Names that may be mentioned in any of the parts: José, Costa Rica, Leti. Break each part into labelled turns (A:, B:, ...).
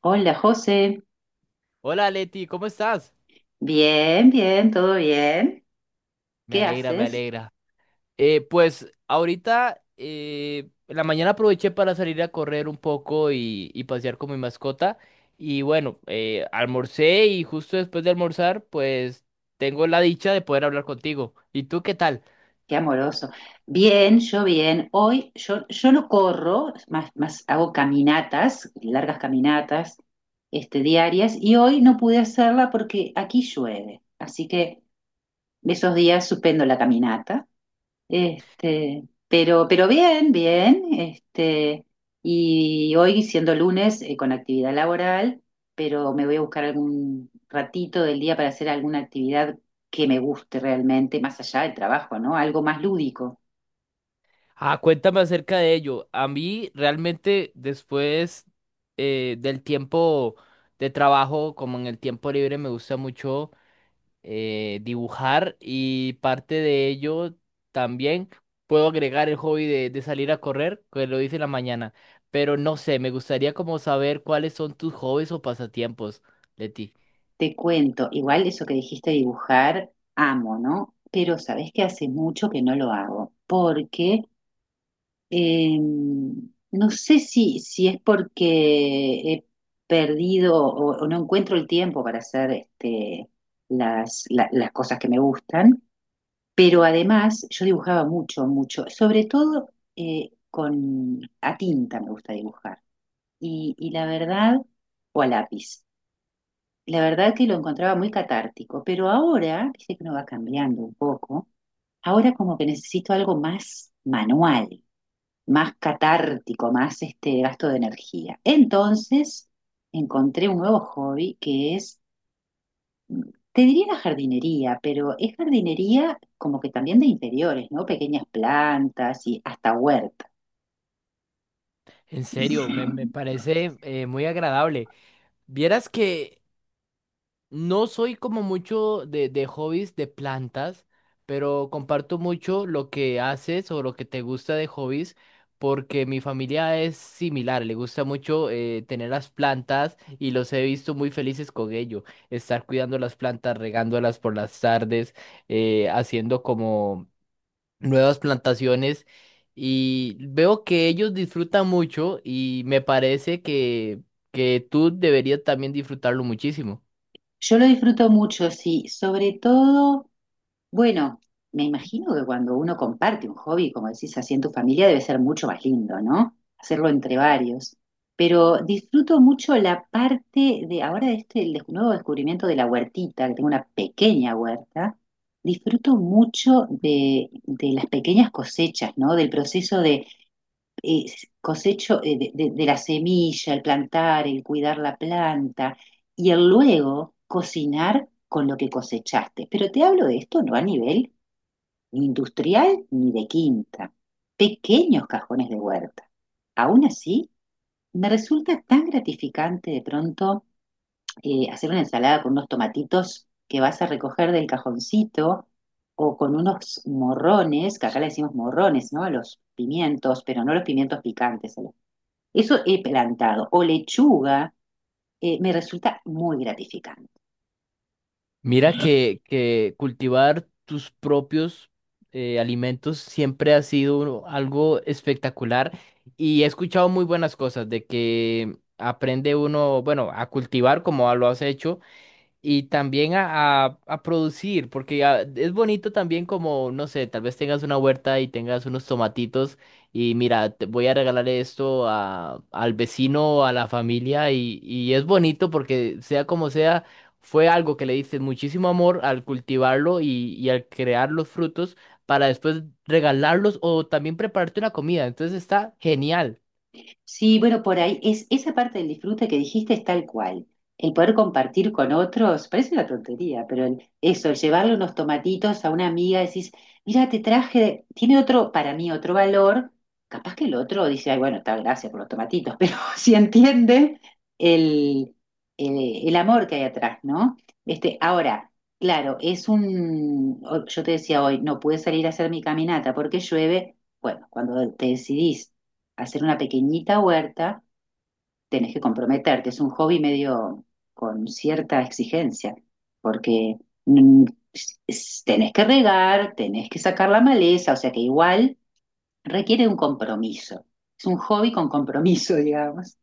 A: Hola José,
B: Hola Leti, ¿cómo estás?
A: bien, bien, todo bien.
B: Me
A: ¿Qué
B: alegra, me
A: haces?
B: alegra. Pues ahorita en la mañana aproveché para salir a correr un poco y pasear con mi mascota. Y bueno, almorcé y justo después de almorzar, pues tengo la dicha de poder hablar contigo. ¿Y tú qué tal?
A: Qué amoroso. Bien, yo bien. Hoy yo no corro, más hago caminatas, largas caminatas, diarias, y hoy no pude hacerla porque aquí llueve. Así que esos días suspendo la caminata. Este, pero bien, bien, y hoy siendo lunes con actividad laboral, pero me voy a buscar algún ratito del día para hacer alguna actividad que me guste realmente, más allá del trabajo, ¿no? Algo más lúdico.
B: Ah, cuéntame acerca de ello. A mí realmente después del tiempo de trabajo, como en el tiempo libre, me gusta mucho. Dibujar, y parte de ello también puedo agregar el hobby de salir a correr, que lo hice en la mañana. Pero no sé, me gustaría como saber cuáles son tus hobbies o pasatiempos, Leti.
A: Te cuento, igual eso que dijiste de dibujar, amo, ¿no? Pero sabes que hace mucho que no lo hago, porque Eh, no sé si es porque he perdido o no encuentro el tiempo para hacer las cosas que me gustan, pero además yo dibujaba mucho, mucho, sobre todo con a tinta me gusta dibujar y la verdad, o a lápiz. La verdad que lo encontraba muy catártico, pero ahora, dice que no va cambiando un poco, ahora como que necesito algo más manual, más catártico, más este gasto de energía. Entonces encontré un nuevo hobby que es, te diría, la jardinería, pero es jardinería como que también de interiores, ¿no? Pequeñas plantas y hasta huerta.
B: En serio, me parece muy agradable. Vieras que no soy como mucho de hobbies de plantas, pero comparto mucho lo que haces o lo que te gusta de hobbies, porque mi familia es similar, le gusta mucho tener las plantas y los he visto muy felices con ello, estar cuidando las plantas, regándolas por las tardes, haciendo como nuevas plantaciones, y veo que ellos disfrutan mucho y me parece que tú deberías también disfrutarlo muchísimo.
A: Yo lo disfruto mucho, sí, sobre todo. Bueno, me imagino que cuando uno comparte un hobby, como decís, así en tu familia, debe ser mucho más lindo, ¿no? Hacerlo entre varios. Pero disfruto mucho la parte de ahora de este nuevo descubrimiento de la huertita, que tengo una pequeña huerta. Disfruto mucho de las pequeñas cosechas, ¿no? Del proceso, eh, cosecho, de la semilla, el plantar, el cuidar la planta y el luego cocinar con lo que cosechaste. Pero te hablo de esto no a nivel ni industrial ni de quinta, pequeños cajones de huerta. Aún así, me resulta tan gratificante de pronto hacer una ensalada con unos tomatitos que vas a recoger del cajoncito o con unos morrones, que acá le decimos morrones, ¿no? A los pimientos, pero no los pimientos picantes. Eso he plantado. O lechuga, me resulta muy gratificante.
B: Mira que cultivar tus propios alimentos siempre ha sido algo espectacular, y he escuchado muy buenas cosas de que aprende uno, bueno, a cultivar como lo has hecho, y también a, a producir, porque ah, es bonito también como, no sé, tal vez tengas una huerta y tengas unos tomatitos y mira, te voy a regalar esto a, al vecino o a la familia, y es bonito porque sea como sea, fue algo que le diste muchísimo amor al cultivarlo, y al crear los frutos para después regalarlos o también prepararte una comida. Entonces está genial.
A: Sí, bueno, por ahí es esa parte del disfrute que dijiste, es tal cual. El poder compartir con otros, parece una tontería, pero eso, el llevarle unos tomatitos a una amiga, decís, mira, te traje, tiene otro, para mí, otro valor. Capaz que el otro dice, ay, bueno, está, gracias por los tomatitos, pero si entiende el, el amor que hay atrás, ¿no? Ahora, claro, yo te decía hoy, no pude salir a hacer mi caminata porque llueve. Bueno, cuando te decidís hacer una pequeñita huerta, tenés que comprometerte. Es un hobby medio, con cierta exigencia, porque mm, tenés que regar, tenés que sacar la maleza, o sea que igual requiere un compromiso. Es un hobby con compromiso, digamos.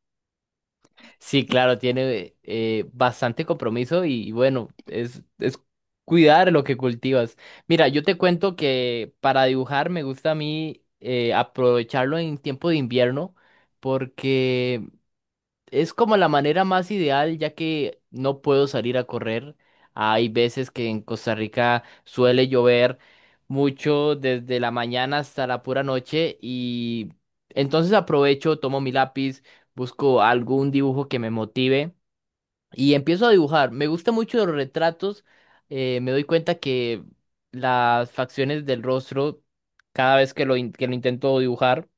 B: Sí, claro, tiene bastante compromiso, y bueno, es cuidar lo que cultivas. Mira, yo te cuento que para dibujar me gusta a mí aprovecharlo en tiempo de invierno, porque es como la manera más ideal, ya que no puedo salir a correr. Hay veces que en Costa Rica suele llover mucho desde la mañana hasta la pura noche, y entonces aprovecho, tomo mi lápiz, busco algún dibujo que me motive y empiezo a dibujar. Me gusta mucho los retratos. Me doy cuenta que las facciones del rostro, cada vez que que lo intento dibujar,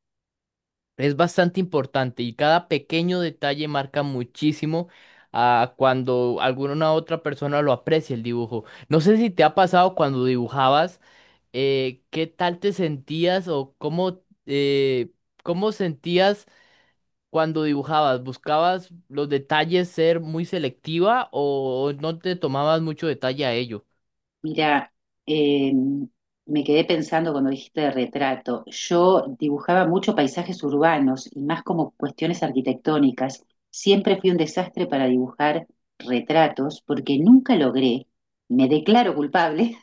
B: es bastante importante, y cada pequeño detalle marca muchísimo a cuando alguna otra persona lo aprecia el dibujo. No sé si te ha pasado cuando dibujabas, qué tal te sentías o eh, cómo sentías cuando dibujabas. ¿Buscabas los detalles ser muy selectiva o no te tomabas mucho detalle a ello?
A: Mira, eh, me quedé pensando cuando dijiste de retrato. Yo dibujaba mucho paisajes urbanos y más como cuestiones arquitectónicas. Siempre fui un desastre para dibujar retratos porque nunca logré, me declaro culpable,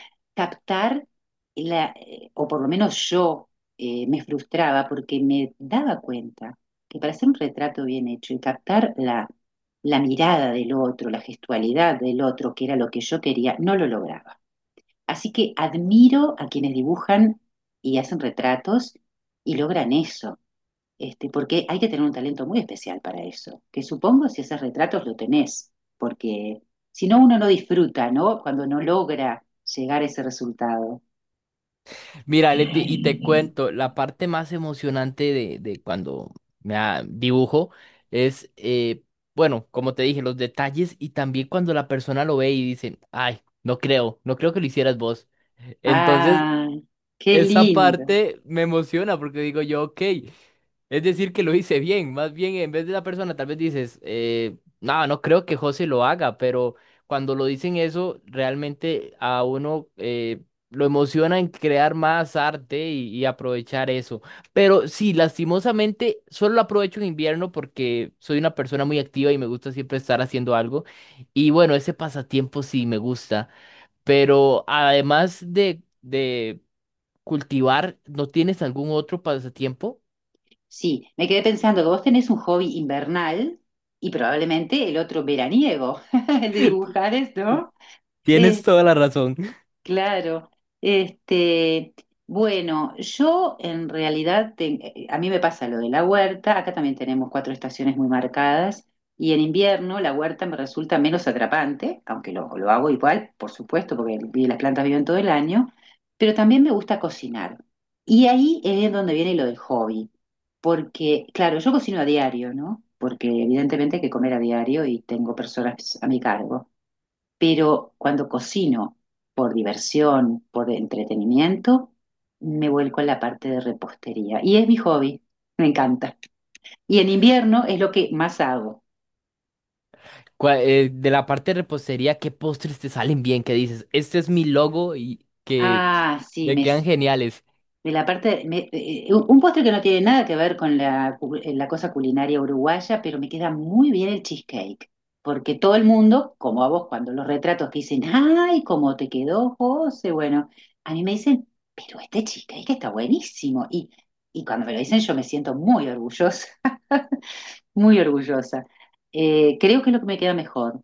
A: captar o por lo menos yo me frustraba porque me daba cuenta que para hacer un retrato bien hecho y captar la mirada del otro, la gestualidad del otro, que era lo que yo quería, no lo lograba. Así que admiro a quienes dibujan y hacen retratos y logran eso, porque hay que tener un talento muy especial para eso, que supongo, si haces retratos lo tenés, porque si no uno no disfruta, ¿no? Cuando no logra llegar a ese resultado.
B: Mira, Leti, y te cuento, la parte más emocionante de cuando me ah, dibujo es, bueno, como te dije, los detalles, y también cuando la persona lo ve y dice, ay, no creo que lo hicieras vos. Entonces,
A: Ah, qué
B: esa
A: lindo.
B: parte me emociona porque digo yo, ok, es decir que lo hice bien. Más bien, en vez de la persona tal vez dices, no, no creo que José lo haga, pero cuando lo dicen eso, realmente a uno lo emociona en crear más arte, y aprovechar eso. Pero sí, lastimosamente solo lo aprovecho en invierno, porque soy una persona muy activa y me gusta siempre estar haciendo algo. Y bueno, ese pasatiempo sí me gusta, pero además de cultivar, ¿no tienes algún otro pasatiempo?
A: Sí, me quedé pensando que vos tenés un hobby invernal y probablemente el otro veraniego, el de dibujar, ¿no?
B: Tienes toda la razón.
A: Claro, este, bueno, yo en realidad, a mí me pasa lo de la huerta. Acá también tenemos cuatro estaciones muy marcadas y en invierno la huerta me resulta menos atrapante, aunque lo hago igual, por supuesto, porque las plantas viven todo el año, pero también me gusta cocinar. Y ahí es donde viene lo del hobby, porque claro, yo cocino a diario, ¿no? Porque evidentemente hay que comer a diario y tengo personas a mi cargo. Pero cuando cocino por diversión, por entretenimiento, me vuelco a la parte de repostería. Y es mi hobby, me encanta. Y en invierno es lo que más hago.
B: De la parte de repostería, ¿qué postres te salen bien? ¿Qué dices, este es mi logo y que
A: Ah, sí,
B: me quedan geniales?
A: de la parte, un postre que no tiene nada que ver con la cosa culinaria uruguaya, pero me queda muy bien el cheesecake, porque todo el mundo, como a vos cuando los retratos, que dicen, ay, cómo te quedó, José, bueno, a mí me dicen, pero este cheesecake está buenísimo, y cuando me lo dicen yo me siento muy orgullosa, muy orgullosa. Creo que es lo que me queda mejor.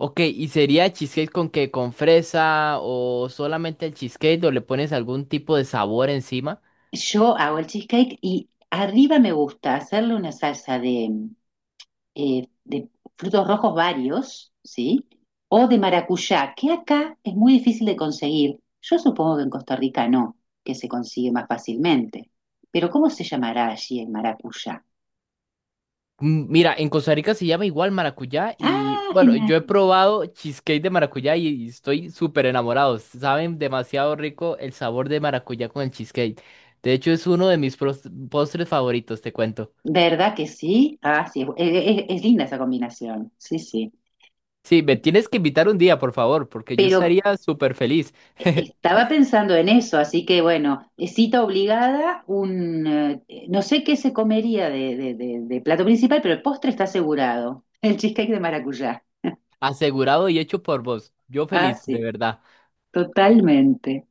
B: Ok, ¿y sería cheesecake con qué? ¿Con fresa, o solamente el cheesecake, o le pones algún tipo de sabor encima?
A: Yo hago el cheesecake y arriba me gusta hacerle una salsa de frutos rojos varios, ¿sí? O de maracuyá, que acá es muy difícil de conseguir. Yo supongo que en Costa Rica no, que se consigue más fácilmente. Pero ¿cómo se llamará allí el maracuyá?
B: Mm, mira, en Costa Rica se llama igual maracuyá, y
A: Ah,
B: bueno,
A: genial.
B: yo he probado cheesecake de maracuyá, y estoy súper enamorado. Saben demasiado rico el sabor de maracuyá con el cheesecake. De hecho, es uno de mis postres favoritos, te cuento.
A: ¿Verdad que sí? Ah, sí, es linda esa combinación. Sí, sí.
B: Sí, me tienes que invitar un día, por favor, porque yo
A: Pero
B: estaría súper feliz.
A: estaba pensando en eso, así que bueno, cita obligada, un no sé qué se comería de plato principal, pero el postre está asegurado. El cheesecake de maracuyá.
B: Asegurado y hecho por vos. Yo
A: Ah,
B: feliz, de
A: sí,
B: verdad.
A: totalmente.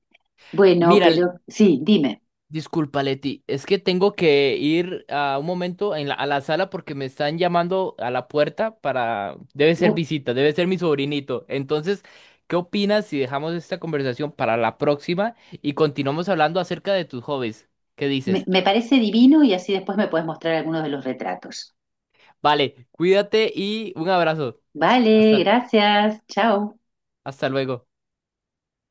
A: Bueno,
B: Mira,
A: pero sí, dime.
B: disculpa, Leti, es que tengo que ir a un momento en a la sala, porque me están llamando a la puerta para... Debe ser
A: Bu-
B: visita, debe ser mi sobrinito. Entonces, ¿qué opinas si dejamos esta conversación para la próxima y continuamos hablando acerca de tus hobbies? ¿Qué
A: Me,
B: dices?
A: me parece divino y así después me puedes mostrar algunos de los retratos.
B: Vale, cuídate y un abrazo.
A: Vale,
B: Hasta,
A: gracias. Chao.
B: hasta luego.